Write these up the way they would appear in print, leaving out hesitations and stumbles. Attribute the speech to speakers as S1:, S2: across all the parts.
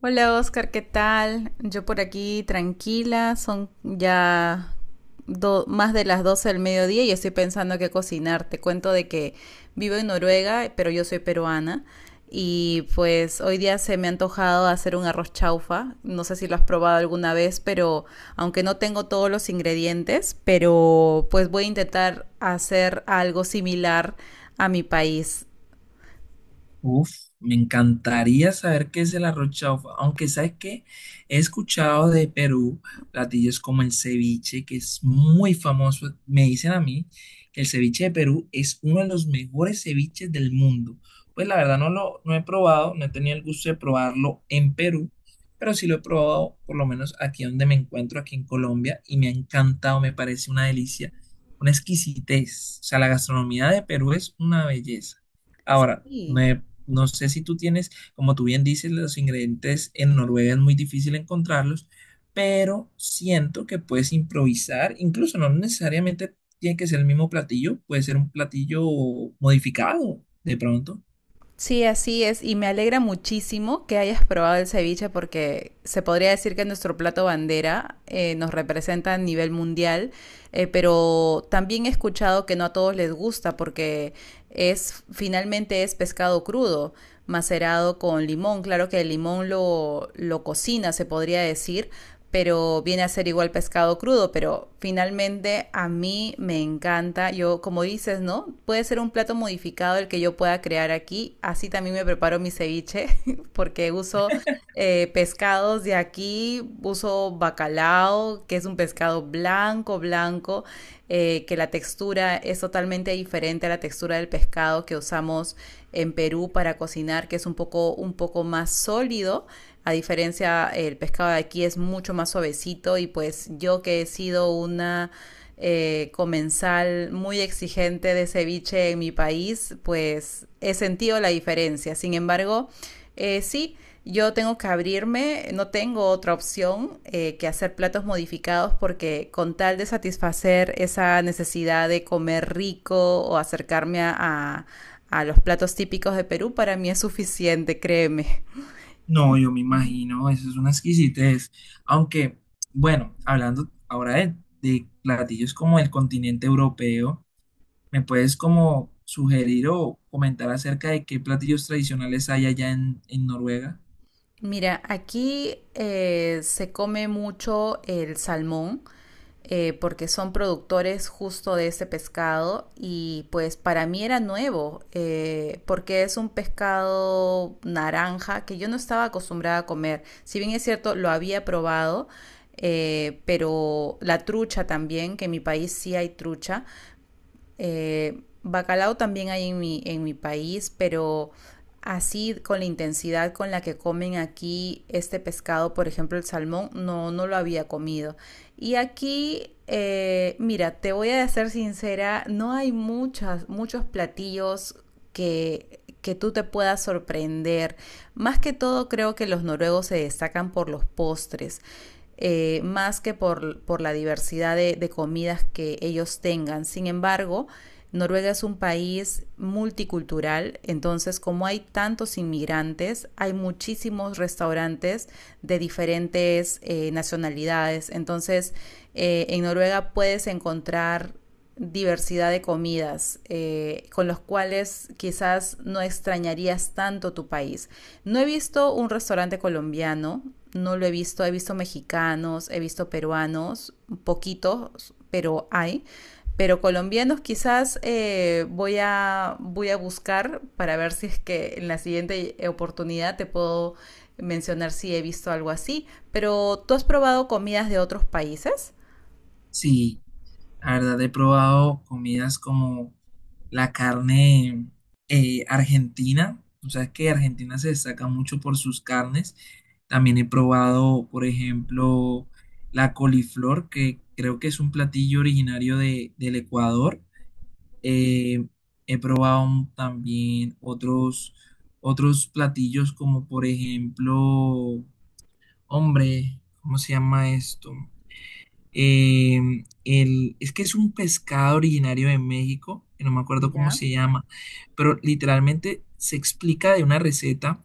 S1: Hola Oscar, ¿qué tal? Yo por aquí tranquila, son ya más de las 12 del mediodía y estoy pensando qué cocinar. Te cuento de que vivo en Noruega, pero yo soy peruana y pues hoy día se me ha antojado hacer un arroz chaufa. No sé si lo has probado alguna vez, pero aunque no tengo todos los ingredientes, pero pues voy a intentar hacer algo similar a mi país.
S2: Uf, me encantaría saber qué es el arroz chaufa, aunque sabes que he escuchado de Perú platillos como el ceviche, que es muy famoso. Me dicen a mí que el ceviche de Perú es uno de los mejores ceviches del mundo. Pues la verdad no he probado, no he tenido el gusto de probarlo en Perú, pero sí lo he probado por lo menos aquí donde me encuentro, aquí en Colombia, y me ha encantado, me parece una delicia, una exquisitez. O sea, la gastronomía de Perú es una belleza. Ahora,
S1: Sí.
S2: no sé si tú tienes, como tú bien dices, los ingredientes en Noruega es muy difícil encontrarlos, pero siento que puedes improvisar, incluso no necesariamente tiene que ser el mismo platillo, puede ser un platillo modificado de pronto.
S1: Sí, así es, y me alegra muchísimo que hayas probado el ceviche porque se podría decir que nuestro plato bandera nos representa a nivel mundial, pero también he escuchado que no a todos les gusta porque es finalmente es pescado crudo, macerado con limón. Claro que el limón lo cocina, se podría decir, pero viene a ser igual pescado crudo, pero finalmente a mí me encanta, yo como dices, ¿no? Puede ser un plato modificado el que yo pueda crear aquí, así también me preparo mi ceviche, porque uso pescados de aquí, uso bacalao, que es un pescado blanco, blanco, que la textura es totalmente diferente a la textura del pescado que usamos en Perú para cocinar, que es un poco más sólido. A diferencia, el pescado de aquí es mucho más suavecito y pues yo que he sido una comensal muy exigente de ceviche en mi país, pues he sentido la diferencia. Sin embargo, sí, yo tengo que abrirme, no tengo otra opción que hacer platos modificados porque con tal de satisfacer esa necesidad de comer rico o acercarme los platos típicos de Perú, para mí es suficiente, créeme.
S2: No, yo me imagino, eso es una exquisitez. Aunque, bueno, hablando ahora de platillos como el continente europeo, ¿me puedes como sugerir o comentar acerca de qué platillos tradicionales hay allá en Noruega?
S1: Mira, aquí se come mucho el salmón. Porque son productores justo de ese pescado y pues para mí era nuevo porque es un pescado naranja que yo no estaba acostumbrada a comer. Si bien es cierto, lo había probado, pero la trucha también, que en mi país sí hay trucha, bacalao también hay en mi país, pero así con la intensidad con la que comen aquí este pescado, por ejemplo el salmón, no, no lo había comido. Y aquí, mira, te voy a ser sincera, no hay muchas, muchos platillos que tú te puedas sorprender. Más que todo creo que los noruegos se destacan por los postres. Más que por la diversidad comidas que ellos tengan. Sin embargo, Noruega es un país multicultural, entonces como hay tantos inmigrantes, hay muchísimos restaurantes de diferentes nacionalidades. Entonces, en Noruega puedes encontrar diversidad de comidas con los cuales quizás no extrañarías tanto tu país. No he visto un restaurante colombiano, no lo he visto mexicanos, he visto peruanos, poquitos, pero hay. Pero colombianos quizás voy a buscar para ver si es que en la siguiente oportunidad te puedo mencionar si he visto algo así. Pero ¿tú has probado comidas de otros países?
S2: Sí. La verdad, he probado comidas como la carne argentina. O sea, que Argentina se destaca mucho por sus carnes. También he probado, por ejemplo, la coliflor, que creo que es un platillo originario del Ecuador. Eh, He probado también otros platillos como, por ejemplo, hombre, ¿cómo se llama esto? Eh, el, es que es un pescado originario de México, que no me acuerdo cómo
S1: Ya.
S2: se llama, pero literalmente se explica de una receta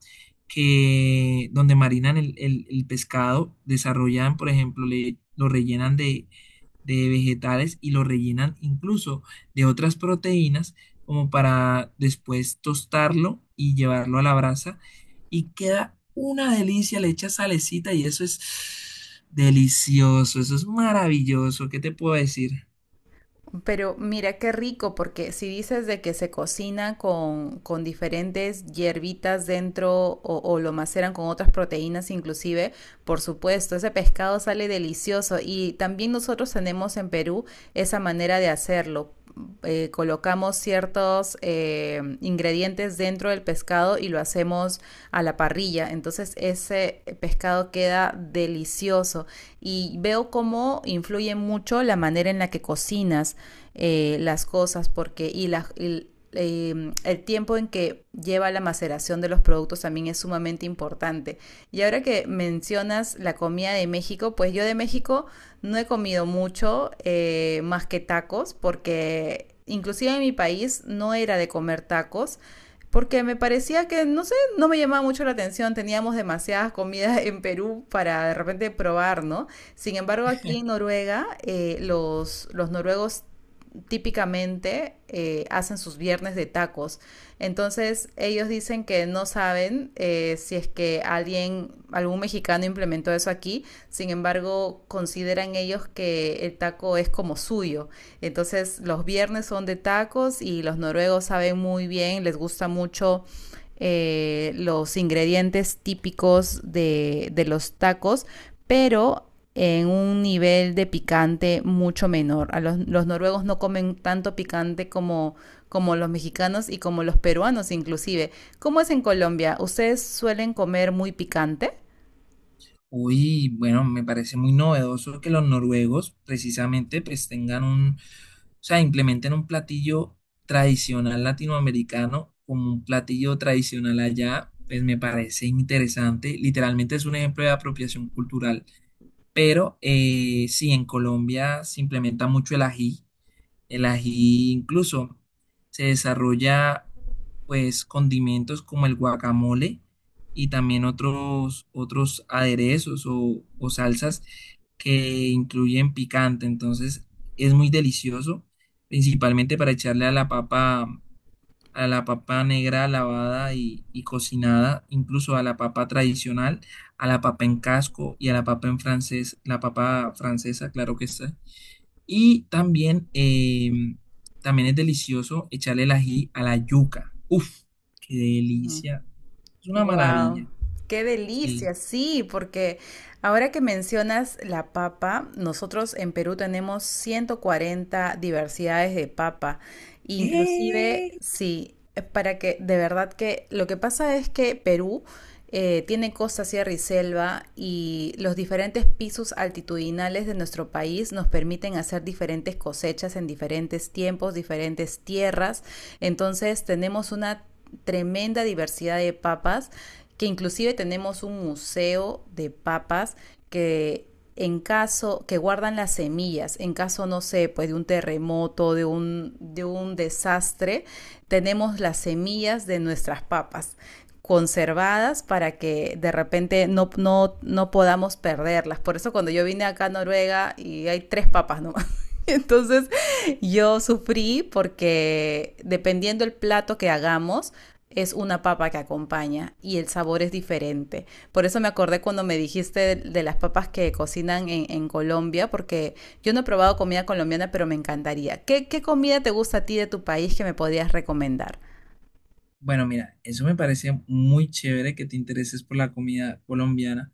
S2: que donde marinan el pescado, desarrollan, por ejemplo, lo rellenan de vegetales y lo rellenan incluso de otras proteínas, como para después tostarlo y llevarlo a la brasa, y queda una delicia, le echas salecita y eso es. Delicioso, eso es maravilloso. ¿Qué te puedo decir?
S1: Pero mira qué rico, porque si dices de que se cocina con diferentes hierbitas dentro o lo maceran con otras proteínas inclusive, por supuesto, ese pescado sale delicioso y también nosotros tenemos en Perú esa manera de hacerlo colocamos ciertos ingredientes dentro del pescado y lo hacemos a la parrilla. Entonces ese pescado queda delicioso y veo cómo influye mucho la manera en la que cocinas las cosas porque y, la, y el tiempo en que lleva la maceración de los productos también es sumamente importante. Y ahora que mencionas la comida de México, pues yo de México no he comido mucho más que tacos porque inclusive en mi país no era de comer tacos porque me parecía que, no sé, no me llamaba mucho la atención, teníamos demasiadas comidas en Perú para de repente probar, ¿no? Sin embargo, aquí en Noruega, los noruegos típicamente hacen sus viernes de tacos. Entonces ellos dicen que no saben si es que alguien, algún mexicano implementó eso aquí, sin embargo consideran ellos que el taco es como suyo. Entonces los viernes son de tacos y los noruegos saben muy bien, les gusta mucho los ingredientes típicos de los tacos, pero en un nivel de picante mucho menor. A los noruegos no comen tanto picante como, como los mexicanos y como los peruanos inclusive. ¿Cómo es en Colombia? ¿Ustedes suelen comer muy picante?
S2: Uy, bueno, me parece muy novedoso que los noruegos precisamente pues tengan o sea, implementen un platillo tradicional latinoamericano como un platillo tradicional allá, pues me parece interesante. Literalmente es un ejemplo de apropiación cultural. Pero sí, en Colombia se implementa mucho el ají. El ají incluso se desarrolla pues condimentos como el guacamole y también otros aderezos o salsas que incluyen picante. Entonces es muy delicioso, principalmente para echarle a la papa negra lavada y cocinada, incluso a la papa tradicional, a la papa en casco y a la papa en francés, la papa francesa, claro que está. Y también, también es delicioso echarle el ají a la yuca. Uf, qué delicia. Es una
S1: Wow,
S2: maravilla.
S1: qué
S2: Sí.
S1: delicia, sí, porque ahora que mencionas la papa, nosotros en Perú tenemos 140 diversidades de papa,
S2: ¿Qué?
S1: inclusive, sí, para que de verdad que lo que pasa es que Perú tiene costa, sierra y selva y los diferentes pisos altitudinales de nuestro país nos permiten hacer diferentes cosechas en diferentes tiempos, diferentes tierras. Entonces tenemos una tremenda diversidad de papas que inclusive tenemos un museo de papas que en caso que guardan las semillas, en caso, no sé, pues de un terremoto, de un desastre, tenemos las semillas de nuestras papas conservadas para que de repente no podamos perderlas. Por eso cuando yo vine acá a Noruega y hay tres papas nomás, Entonces yo sufrí porque dependiendo el plato que hagamos, es una papa que acompaña y el sabor es diferente. Por eso me acordé cuando me dijiste de las papas que cocinan Colombia, porque yo no he probado comida colombiana, pero me encantaría. ¿Qué comida te gusta a ti de tu país que me podrías recomendar?
S2: Bueno, mira, eso me parece muy chévere que te intereses por la comida colombiana.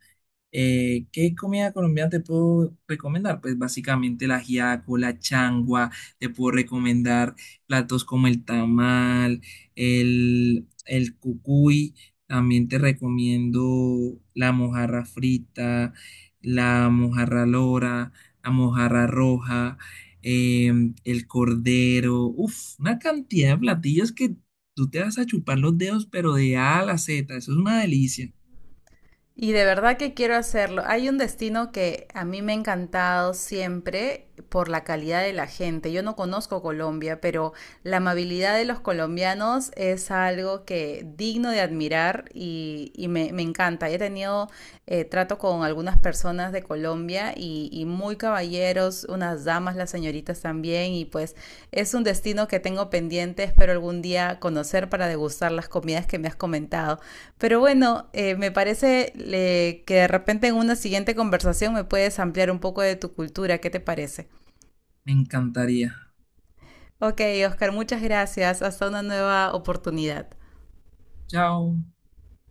S2: ¿Qué comida colombiana te puedo recomendar? Pues básicamente la ajiaco, la changua, te puedo recomendar platos como el tamal, el cucuy, también te recomiendo la mojarra frita, la mojarra lora, la mojarra roja, el cordero, uf, una cantidad de platillos que tú te vas a chupar los dedos, pero de A a la Z, eso es una delicia,
S1: Y de verdad que quiero hacerlo. Hay un destino que a mí me ha encantado siempre por la calidad de la gente. Yo no conozco Colombia, pero la amabilidad de los colombianos es algo que digno de admirar y me encanta. He tenido trato con algunas personas de Colombia y muy caballeros, unas damas, las señoritas también. Y pues es un destino que tengo pendiente. Espero algún día conocer para degustar las comidas que me has comentado. Pero bueno, me parece que de repente en una siguiente conversación me puedes ampliar un poco de tu cultura, ¿qué te parece?
S2: me encantaría.
S1: Ok, Oscar, muchas gracias. Hasta una nueva oportunidad.
S2: Chao.